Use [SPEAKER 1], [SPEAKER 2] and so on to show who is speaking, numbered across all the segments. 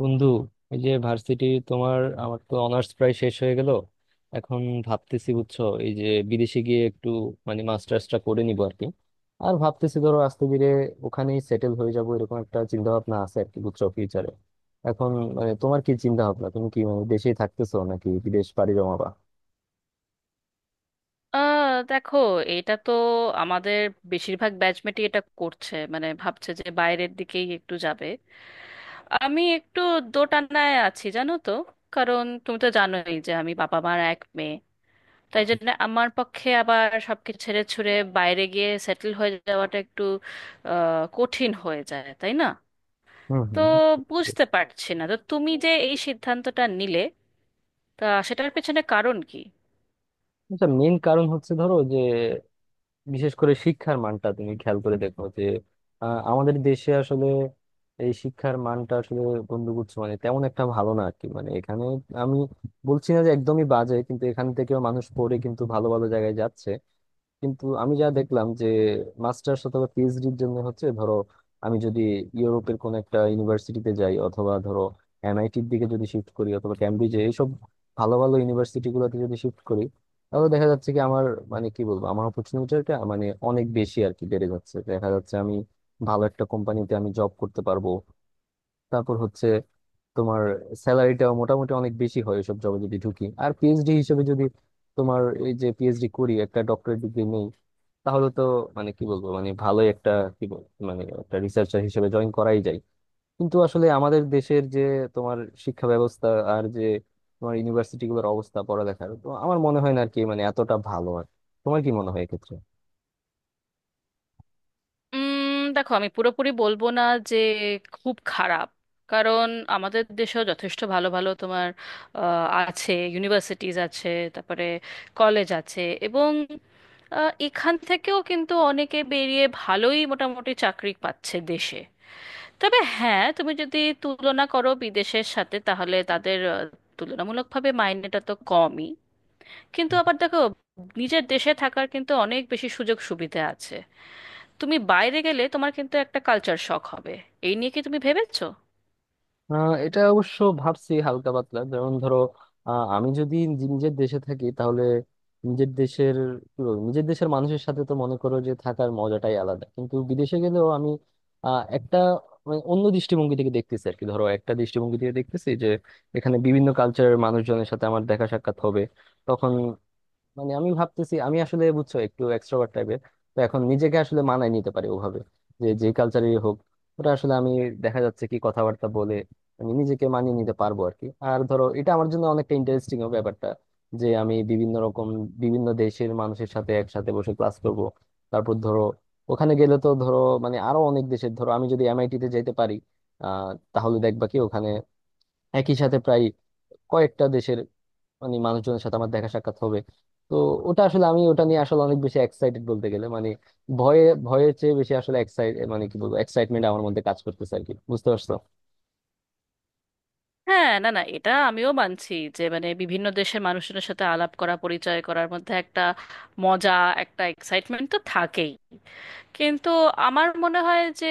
[SPEAKER 1] বন্ধু, এই যে ভার্সিটি তোমার আমার তো অনার্স প্রায় শেষ হয়ে গেল। এখন ভাবতেছি, বুঝছো, এই যে বিদেশে গিয়ে একটু মানে মাস্টার্সটা করে নিবো আর কি। আর ভাবতেছি ধরো আস্তে ধীরে ওখানেই সেটেল হয়ে যাবো, এরকম একটা চিন্তা ভাবনা আছে আর কি, বুঝছো, ফিউচারে। এখন মানে তোমার কি চিন্তা ভাবনা, তুমি কি মানে দেশেই থাকতেছো নাকি বিদেশ পাড়ি জমাবা?
[SPEAKER 2] দেখো, এটা তো আমাদের বেশিরভাগ ব্যাচমেটই এটা করছে, মানে ভাবছে যে বাইরের দিকেই একটু যাবে। আমি একটু দোটানায় আছি জানো তো। কারণ তুমি তো জানোই যে আমি বাবা মার এক মেয়ে, তাই জন্য আমার পক্ষে আবার সবকিছু ছেড়ে ছুড়ে বাইরে গিয়ে সেটেল হয়ে যাওয়াটা একটু কঠিন হয়ে যায়, তাই না?
[SPEAKER 1] হম
[SPEAKER 2] তো
[SPEAKER 1] হম
[SPEAKER 2] বুঝতে পারছি না তো, তুমি যে এই সিদ্ধান্তটা নিলে তা সেটার পেছনে কারণ কি?
[SPEAKER 1] আচ্ছা, মেইন কারণ হচ্ছে ধরো যে বিশেষ করে শিক্ষার মানটা তুমি খেয়াল করে দেখো যে আমাদের দেশে আসলে এই শিক্ষার মানটা আসলে বন্ধুগুচ্ছ মানে তেমন একটা ভালো না আর কি। মানে এখানে আমি বলছি না যে একদমই বাজে, কিন্তু এখান থেকেও মানুষ পড়ে কিন্তু ভালো ভালো জায়গায় যাচ্ছে। কিন্তু আমি যা দেখলাম যে মাস্টার্স অথবা পিএইচডির জন্য হচ্ছে ধরো, আমি যদি ইউরোপের কোন একটা ইউনিভার্সিটিতে যাই অথবা ধরো এনআইটির দিকে যদি শিফট করি অথবা ক্যামব্রিজে, এইসব ভালো ভালো ইউনিভার্সিটি গুলোতে যদি শিফট করি, তাহলে দেখা যাচ্ছে কি আমার, মানে কি বলবো, আমার অপরচুনিটিটা মানে অনেক বেশি আর কি বেড়ে যাচ্ছে। দেখা যাচ্ছে আমি ভালো একটা কোম্পানিতে আমি জব করতে পারবো। তারপর হচ্ছে তোমার স্যালারিটা মোটামুটি অনেক বেশি হয় এসব জবে যদি ঢুকি। আর পিএইচডি হিসেবে যদি তোমার এই যে পিএইচডি করি, একটা ডক্টরেট ডিগ্রি নেই, তাহলে তো মানে কি বলবো, মানে ভালোই একটা, কি বল, মানে একটা রিসার্চার হিসেবে জয়েন করাই যায়। কিন্তু আসলে আমাদের দেশের যে তোমার শিক্ষা ব্যবস্থা আর যে তোমার ইউনিভার্সিটি গুলোর অবস্থা পড়ালেখার, তো আমার মনে হয় না আর কি মানে এতটা ভালো আর। তোমার কি মনে হয় এক্ষেত্রে?
[SPEAKER 2] দেখো, আমি পুরোপুরি বলবো না যে খুব খারাপ। কারণ আমাদের দেশেও যথেষ্ট ভালো ভালো তোমার আছে, ইউনিভার্সিটিজ আছে, তারপরে কলেজ আছে। এবং এখান থেকেও কিন্তু অনেকে বেরিয়ে ভালোই মোটামুটি চাকরি পাচ্ছে দেশে। তবে হ্যাঁ, তুমি যদি তুলনা করো বিদেশের সাথে, তাহলে তাদের তুলনামূলকভাবে মাইনেটা তো কমই। কিন্তু আবার দেখো, নিজের দেশে থাকার কিন্তু অনেক বেশি সুযোগ সুবিধা আছে। তুমি বাইরে গেলে তোমার কিন্তু একটা কালচার শক হবে। এই নিয়ে কি তুমি ভেবেছো?
[SPEAKER 1] এটা অবশ্য ভাবছি হালকা পাতলা। যেমন ধরো, আমি যদি নিজের দেশে থাকি, তাহলে নিজের দেশের, কি বলবো, নিজের দেশের মানুষের সাথে তো মনে করো যে থাকার মজাটাই আলাদা। কিন্তু বিদেশে গেলেও আমি একটা মানে অন্য দৃষ্টিভঙ্গি থেকে দেখতেছি আর কি। ধরো একটা দৃষ্টিভঙ্গি থেকে দেখতেছি যে এখানে বিভিন্ন কালচারের মানুষজনের সাথে আমার দেখা সাক্ষাৎ হবে। তখন মানে আমি ভাবতেছি, আমি আসলে বুঝছো একটু এক্সট্রোভার্ট টাইপের, তো এখন নিজেকে আসলে মানায় নিতে পারি ওভাবে, যে যে কালচারই হোক। ওটা আসলে আমি, দেখা যাচ্ছে কি, কথাবার্তা বলে আমি নিজেকে মানিয়ে নিতে পারবো আর কি। আর ধরো এটা আমার জন্য অনেকটা ইন্টারেস্টিং হবে ব্যাপারটা, যে আমি বিভিন্ন রকম বিভিন্ন দেশের মানুষের সাথে একসাথে বসে ক্লাস করব। তারপর ধরো ওখানে গেলে তো ধরো মানে আরো অনেক দেশের, ধরো আমি যদি এমআইটি তে যেতে পারি, তাহলে দেখবা কি ওখানে একই সাথে প্রায় কয়েকটা দেশের মানে মানুষজনের সাথে আমার দেখা সাক্ষাৎ হবে। তো ওটা আসলে আমি ওটা নিয়ে আসলে অনেক বেশি এক্সাইটেড বলতে গেলে। মানে ভয়ে ভয়ের চেয়ে বেশি আসলে এক্সাইট, মানে কি বলবো, এক্সাইটমেন্ট আমার মধ্যে কাজ করতেছে আর কি, বুঝতে পারছো?
[SPEAKER 2] হ্যাঁ, না না, এটা আমিও মানছি যে মানে বিভিন্ন দেশের মানুষজনের সাথে আলাপ করা, পরিচয় করার মধ্যে একটা মজা, একটা এক্সাইটমেন্ট তো থাকেই। কিন্তু আমার মনে হয় যে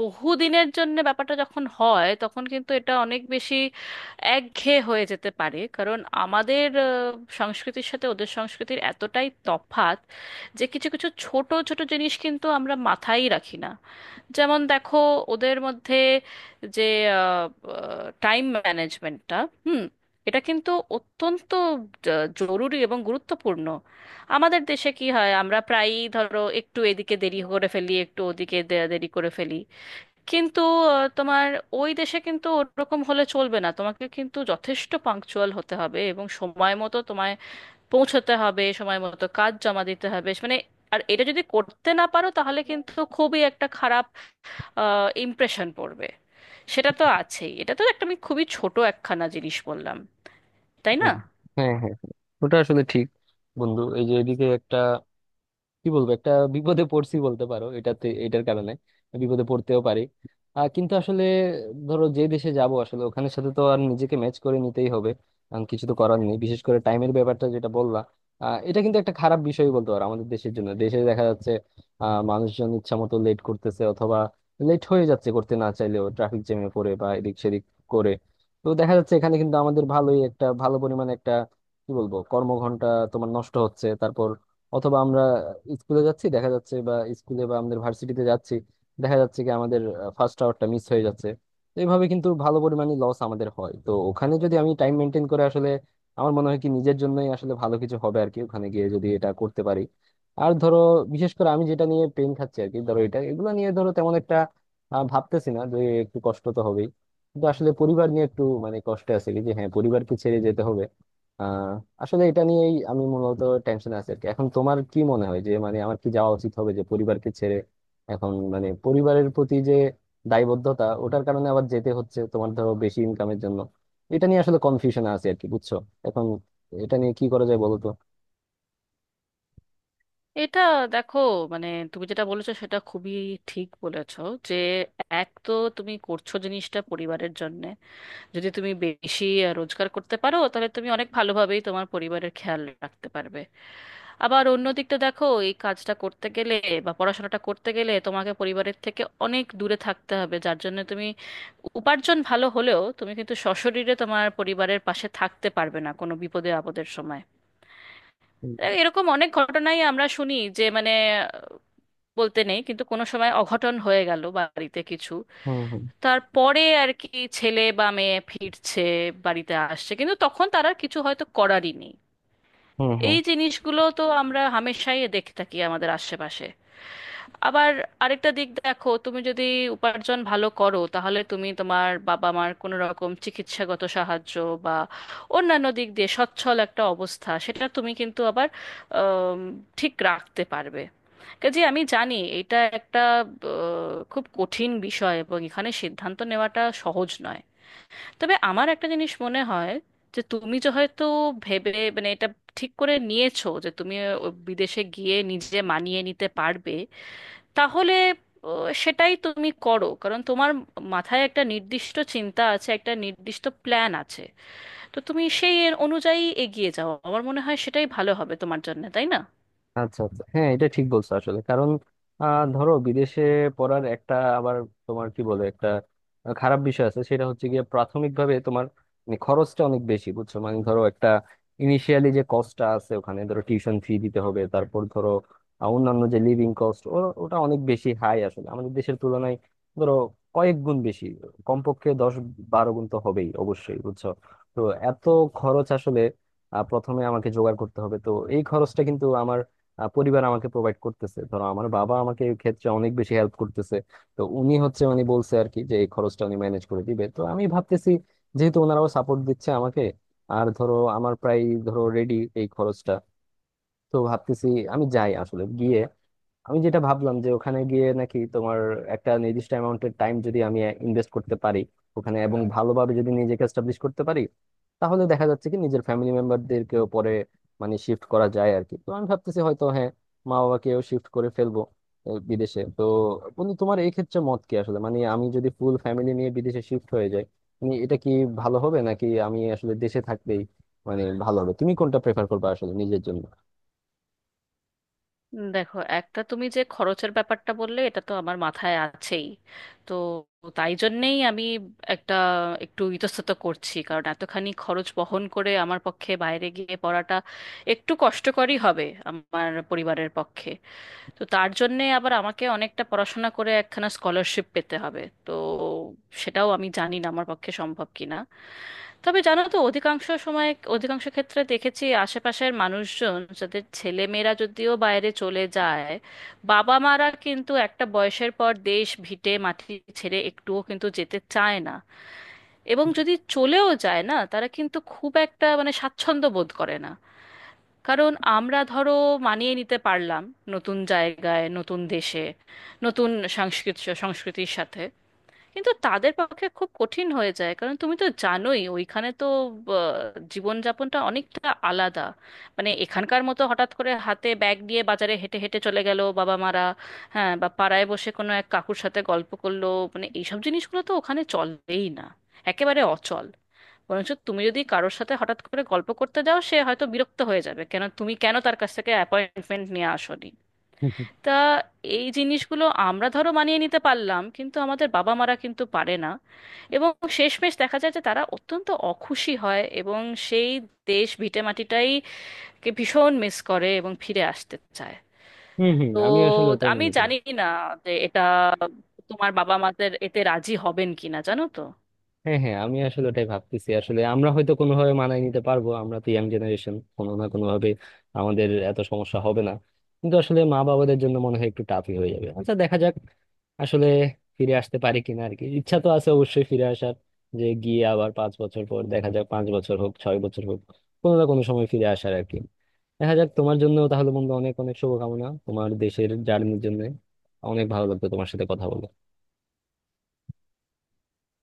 [SPEAKER 2] বহুদিনের জন্য ব্যাপারটা যখন হয়, তখন কিন্তু এটা অনেক বেশি একঘেয়ে হয়ে যেতে পারে। কারণ আমাদের সংস্কৃতির সাথে ওদের সংস্কৃতির এতটাই তফাত যে কিছু কিছু ছোট ছোট জিনিস কিন্তু আমরা মাথায় রাখি না। যেমন দেখো, ওদের মধ্যে যে টাইম ম্যানেজমেন্টটা, হুম, এটা কিন্তু অত্যন্ত জরুরি এবং গুরুত্বপূর্ণ। আমাদের দেশে কি হয়, আমরা প্রায়ই ধরো একটু এদিকে দেরি করে ফেলি, একটু ওদিকে দেরি করে ফেলি। কিন্তু তোমার ওই দেশে কিন্তু ওরকম হলে চলবে না। তোমাকে কিন্তু যথেষ্ট পাংচুয়াল হতে হবে এবং সময় মতো তোমায় পৌঁছতে হবে, সময় মতো কাজ জমা দিতে হবে মানে। আর এটা যদি করতে না পারো তাহলে কিন্তু খুবই একটা ইমপ্রেশন পড়বে। সেটা তো আছেই, এটা তো একটা, আমি খুবই ছোট একখানা জিনিস বললাম। তাই না?
[SPEAKER 1] হুম। হ্যাঁ, হ্যাঁ, হ্যাঁ। ওটা আসলে ঠিক। বন্ধু, এই যে এদিকে একটা, কি বলবো, একটা বিপদে পড়ছি বলতে পারো এটাতে, এটার কারণে বিপদে পড়তেও পারি। কিন্তু আসলে ধরো যে দেশে যাব আসলে ওখানে সাথে তো আর নিজেকে ম্যাচ করে নিতেই হবে, কারণ কিছু তো করার নেই। বিশেষ করে টাইমের ব্যাপারটা যেটা বললা, এটা কিন্তু একটা খারাপ বিষয় বলতে পারো আমাদের দেশের জন্য। দেশে দেখা যাচ্ছে মানুষজন ইচ্ছা মতো লেট করতেছে, অথবা লেট হয়ে যাচ্ছে করতে না চাইলেও, ট্রাফিক জ্যামে পড়ে বা এদিক সেদিক করে। তো দেখা যাচ্ছে এখানে কিন্তু আমাদের ভালোই একটা ভালো পরিমাণে একটা, কি বলবো, কর্মঘন্টা তোমার নষ্ট হচ্ছে। অথবা আমরা স্কুলে যাচ্ছি, দেখা যাচ্ছে, বা স্কুলে বা আমাদের ভার্সিটিতে যাচ্ছি, দেখা যাচ্ছে কি আমাদের ফার্স্ট আওয়ারটা মিস হয়ে যাচ্ছে। তো এইভাবে কিন্তু ভালো পরিমাণে লস আমাদের হয়। তো ওখানে যদি আমি টাইম মেনটেন করে আসলে, আমার মনে হয় কি নিজের জন্যই আসলে ভালো কিছু হবে আর কি, ওখানে গিয়ে যদি এটা করতে পারি। আর ধরো বিশেষ করে আমি যেটা নিয়ে পেন খাচ্ছি আর কি, ধরো এটা, এগুলো নিয়ে ধরো তেমন একটা ভাবতেছি না যে, একটু কষ্ট তো হবেই, কিন্তু আসলে পরিবার নিয়ে একটু মানে কষ্ট আছে কি, যে হ্যাঁ পরিবারকে ছেড়ে যেতে হবে। আহ আসলে এটা নিয়েই আমি মূলত টেনশন আছি আর কি। এখন তোমার কি মনে হয় যে মানে আমার কি যাওয়া উচিত হবে, যে পরিবারকে ছেড়ে এখন মানে পরিবারের প্রতি যে দায়বদ্ধতা, ওটার কারণে আবার যেতে হচ্ছে তোমার ধরো বেশি ইনকামের জন্য? এটা নিয়ে আসলে কনফিউশন আছে আর কি, বুঝছো। এখন এটা নিয়ে কি করা যায় বলো তো?
[SPEAKER 2] এটা দেখো মানে তুমি যেটা বলেছো সেটা খুবই ঠিক বলেছো। যে এক তো তুমি করছো জিনিসটা পরিবারের জন্য। যদি তুমি বেশি রোজগার করতে পারো তাহলে তুমি অনেক ভালোভাবেই তোমার পরিবারের খেয়াল রাখতে পারবে। আবার অন্য দিকটা দেখো, এই কাজটা করতে গেলে বা পড়াশোনাটা করতে গেলে তোমাকে পরিবারের থেকে অনেক দূরে থাকতে হবে, যার জন্য তুমি উপার্জন ভালো হলেও তুমি কিন্তু সশরীরে তোমার পরিবারের পাশে থাকতে পারবে না কোনো বিপদে আপদের সময়।
[SPEAKER 1] হুম
[SPEAKER 2] এরকম অনেক ঘটনাই আমরা শুনি, যে মানে বলতে নেই কিন্তু কোনো সময় অঘটন হয়ে গেল বাড়িতে কিছু,
[SPEAKER 1] হুম হুম
[SPEAKER 2] তারপরে আর কি ছেলে বা মেয়ে ফিরছে, বাড়িতে আসছে, কিন্তু তখন তার আর কিছু হয়তো করারই নেই।
[SPEAKER 1] হুম হুম।
[SPEAKER 2] এই জিনিসগুলো তো আমরা হামেশাই দেখে থাকি আমাদের আশেপাশে। আবার আরেকটা দিক দেখো, তুমি যদি উপার্জন ভালো করো তাহলে তুমি তোমার বাবা মার কোনো রকম চিকিৎসাগত সাহায্য বা অন্যান্য দিক দিয়ে সচ্ছল একটা অবস্থা সেটা তুমি কিন্তু আবার আম, ঠিক রাখতে পারবে। কাজে আমি জানি এটা একটা খুব কঠিন বিষয় এবং এখানে সিদ্ধান্ত নেওয়াটা সহজ নয়। তবে আমার একটা জিনিস মনে হয় যে তুমি যে হয়তো ভেবে মানে এটা ঠিক করে নিয়েছো যে তুমি ও বিদেশে গিয়ে নিজে মানিয়ে নিতে পারবে, তাহলে আহ, সেটাই তুমি করো। কারণ তোমার মাথায় একটা নির্দিষ্ট চিন্তা আছে, একটা নির্দিষ্ট প্ল্যান আছে। তো তুমি সেই এর অনুযায়ী এগিয়ে যাও, আমার মনে হয় সেটাই ভালো হবে তোমার জন্য, তাই না?
[SPEAKER 1] আচ্ছা, আচ্ছা, হ্যাঁ, এটা ঠিক বলছো আসলে। কারণ ধরো বিদেশে পড়ার একটা আবার তোমার কি বলে একটা খারাপ বিষয় আছে, সেটা হচ্ছে গিয়ে প্রাথমিকভাবে তোমার মানে খরচটা অনেক বেশি, বুঝছো। মানে ধরো একটা ইনিশিয়ালি যে কস্টটা আছে, ওখানে ধরো টিউশন ফি দিতে হবে, তারপর ধরো অন্যান্য যে লিভিং কস্ট, ওটা অনেক বেশি হাই আসলে আমাদের দেশের তুলনায়। ধরো কয়েক গুণ বেশি, কমপক্ষে 10 12 গুণ তো হবেই অবশ্যই, বুঝছো। তো এত খরচ আসলে প্রথমে আমাকে জোগাড় করতে হবে। তো এই খরচটা কিন্তু আমার পরিবার আমাকে প্রোভাইড করতেছে। ধরো আমার বাবা আমাকে এই ক্ষেত্রে অনেক বেশি হেল্প করতেছে। তো উনি হচ্ছে মানে বলছে আর কি যে এই খরচটা উনি ম্যানেজ করে দিবে। তো আমি ভাবতেছি যেহেতু ওনারাও সাপোর্ট দিচ্ছে আমাকে, আর ধরো আমার প্রায় ধরো রেডি এই খরচটা, তো ভাবতেছি আমি যাই আসলে। গিয়ে আমি যেটা ভাবলাম যে ওখানে গিয়ে নাকি তোমার একটা নির্দিষ্ট অ্যামাউন্টের টাইম যদি আমি ইনভেস্ট করতে পারি ওখানে এবং ভালোভাবে যদি নিজেকে এস্টাবলিশ করতে পারি, তাহলে দেখা যাচ্ছে কি নিজের ফ্যামিলি মেম্বারদেরকেও পরে মানে শিফট করা যায় আর কি। তো আমি ভাবতেছি হয়তো হ্যাঁ, মা বাবাকেও শিফট করে ফেলবো বিদেশে। তো বন্ধু তোমার এই ক্ষেত্রে মত কি আসলে, মানে আমি যদি ফুল ফ্যামিলি নিয়ে বিদেশে শিফট হয়ে যাই মানে এটা কি ভালো হবে, নাকি আমি আসলে দেশে থাকলেই মানে ভালো হবে? তুমি কোনটা প্রেফার করবে আসলে নিজের জন্য?
[SPEAKER 2] দেখো একটা, তুমি যে খরচের ব্যাপারটা বললে এটা তো আমার মাথায় আছেই। তো তাই জন্যেই আমি একটা একটু ইতস্তত করছি, কারণ এতখানি খরচ বহন করে আমার পক্ষে বাইরে গিয়ে পড়াটা একটু কষ্টকরই হবে আমার পরিবারের পক্ষে। তো তার জন্যে আবার আমাকে অনেকটা পড়াশোনা করে একখানা স্কলারশিপ পেতে হবে, তো সেটাও আমি জানি না আমার পক্ষে সম্ভব কিনা। তবে জানো তো অধিকাংশ সময়, অধিকাংশ ক্ষেত্রে দেখেছি, আশেপাশের মানুষজন যাদের ছেলে মেয়েরা যদিও বাইরে চলে যায়, বাবা মারা কিন্তু একটা বয়সের পর দেশ ভিটে মাটি ছেড়ে একটুও কিন্তু যেতে চায় না। এবং যদি চলেও যায় না, তারা কিন্তু খুব একটা মানে স্বাচ্ছন্দ্য বোধ করে না। কারণ আমরা ধরো মানিয়ে নিতে পারলাম নতুন জায়গায়, নতুন দেশে, নতুন সংস্কৃতি সংস্কৃতির সাথে, কিন্তু তাদের পক্ষে খুব কঠিন হয়ে যায়। কারণ তুমি তো জানোই ওইখানে তো আহ, জীবনযাপনটা অনেকটা আলাদা। মানে এখানকার মতো হঠাৎ করে হাতে ব্যাগ নিয়ে বাজারে হেঁটে হেঁটে চলে গেল বাবা মারা, হ্যাঁ, বা পাড়ায় বসে কোনো এক কাকুর সাথে গল্প করলো, মানে এইসব জিনিসগুলো তো ওখানে চলেই না, একেবারে অচল। বরঞ্চ তুমি যদি কারোর সাথে হঠাৎ করে গল্প করতে যাও সে হয়তো বিরক্ত হয়ে যাবে, কেন তুমি, কেন তার কাছ থেকে অ্যাপয়েন্টমেন্ট নিয়ে আসোনি। তা এই জিনিসগুলো আমরা ধরো মানিয়ে নিতে পারলাম, কিন্তু আমাদের বাবা মারা কিন্তু পারে না। এবং শেষমেশ দেখা যায় যে তারা অত্যন্ত অখুশি হয় এবং সেই দেশ ভিটেমাটিটাই কে ভীষণ মিস করে এবং ফিরে আসতে চায়।
[SPEAKER 1] হম হম,
[SPEAKER 2] তো
[SPEAKER 1] আমি আসলে ওটাই
[SPEAKER 2] আমি
[SPEAKER 1] মনে করি।
[SPEAKER 2] জানি না যে এটা তোমার বাবা মাদের এতে রাজি হবেন কিনা, জানো তো।
[SPEAKER 1] হ্যাঁ হ্যাঁ, আমি আসলে ওটাই ভাবতেছি। আসলে আমরা হয়তো কোনোভাবে মানায় নিতে পারবো, আমরা তো ইয়াং জেনারেশন, কোনো না কোনো ভাবে আমাদের এত সমস্যা হবে না। কিন্তু আসলে মা বাবাদের জন্য মনে হয় একটু টাফই হয়ে যাবে। আচ্ছা দেখা যাক আসলে ফিরে আসতে পারি কিনা আর কি। ইচ্ছা তো আছে অবশ্যই ফিরে আসার, যে গিয়ে আবার 5 বছর পর দেখা যাক, 5 বছর হোক 6 বছর হোক, কোনো না কোনো সময় ফিরে আসার আর কি। দেখা যাক। তোমার জন্য তাহলে বন্ধু অনেক অনেক শুভকামনা তোমার দেশের জার্নির জন্য। অনেক ভালো লাগতো তোমার সাথে কথা বলে।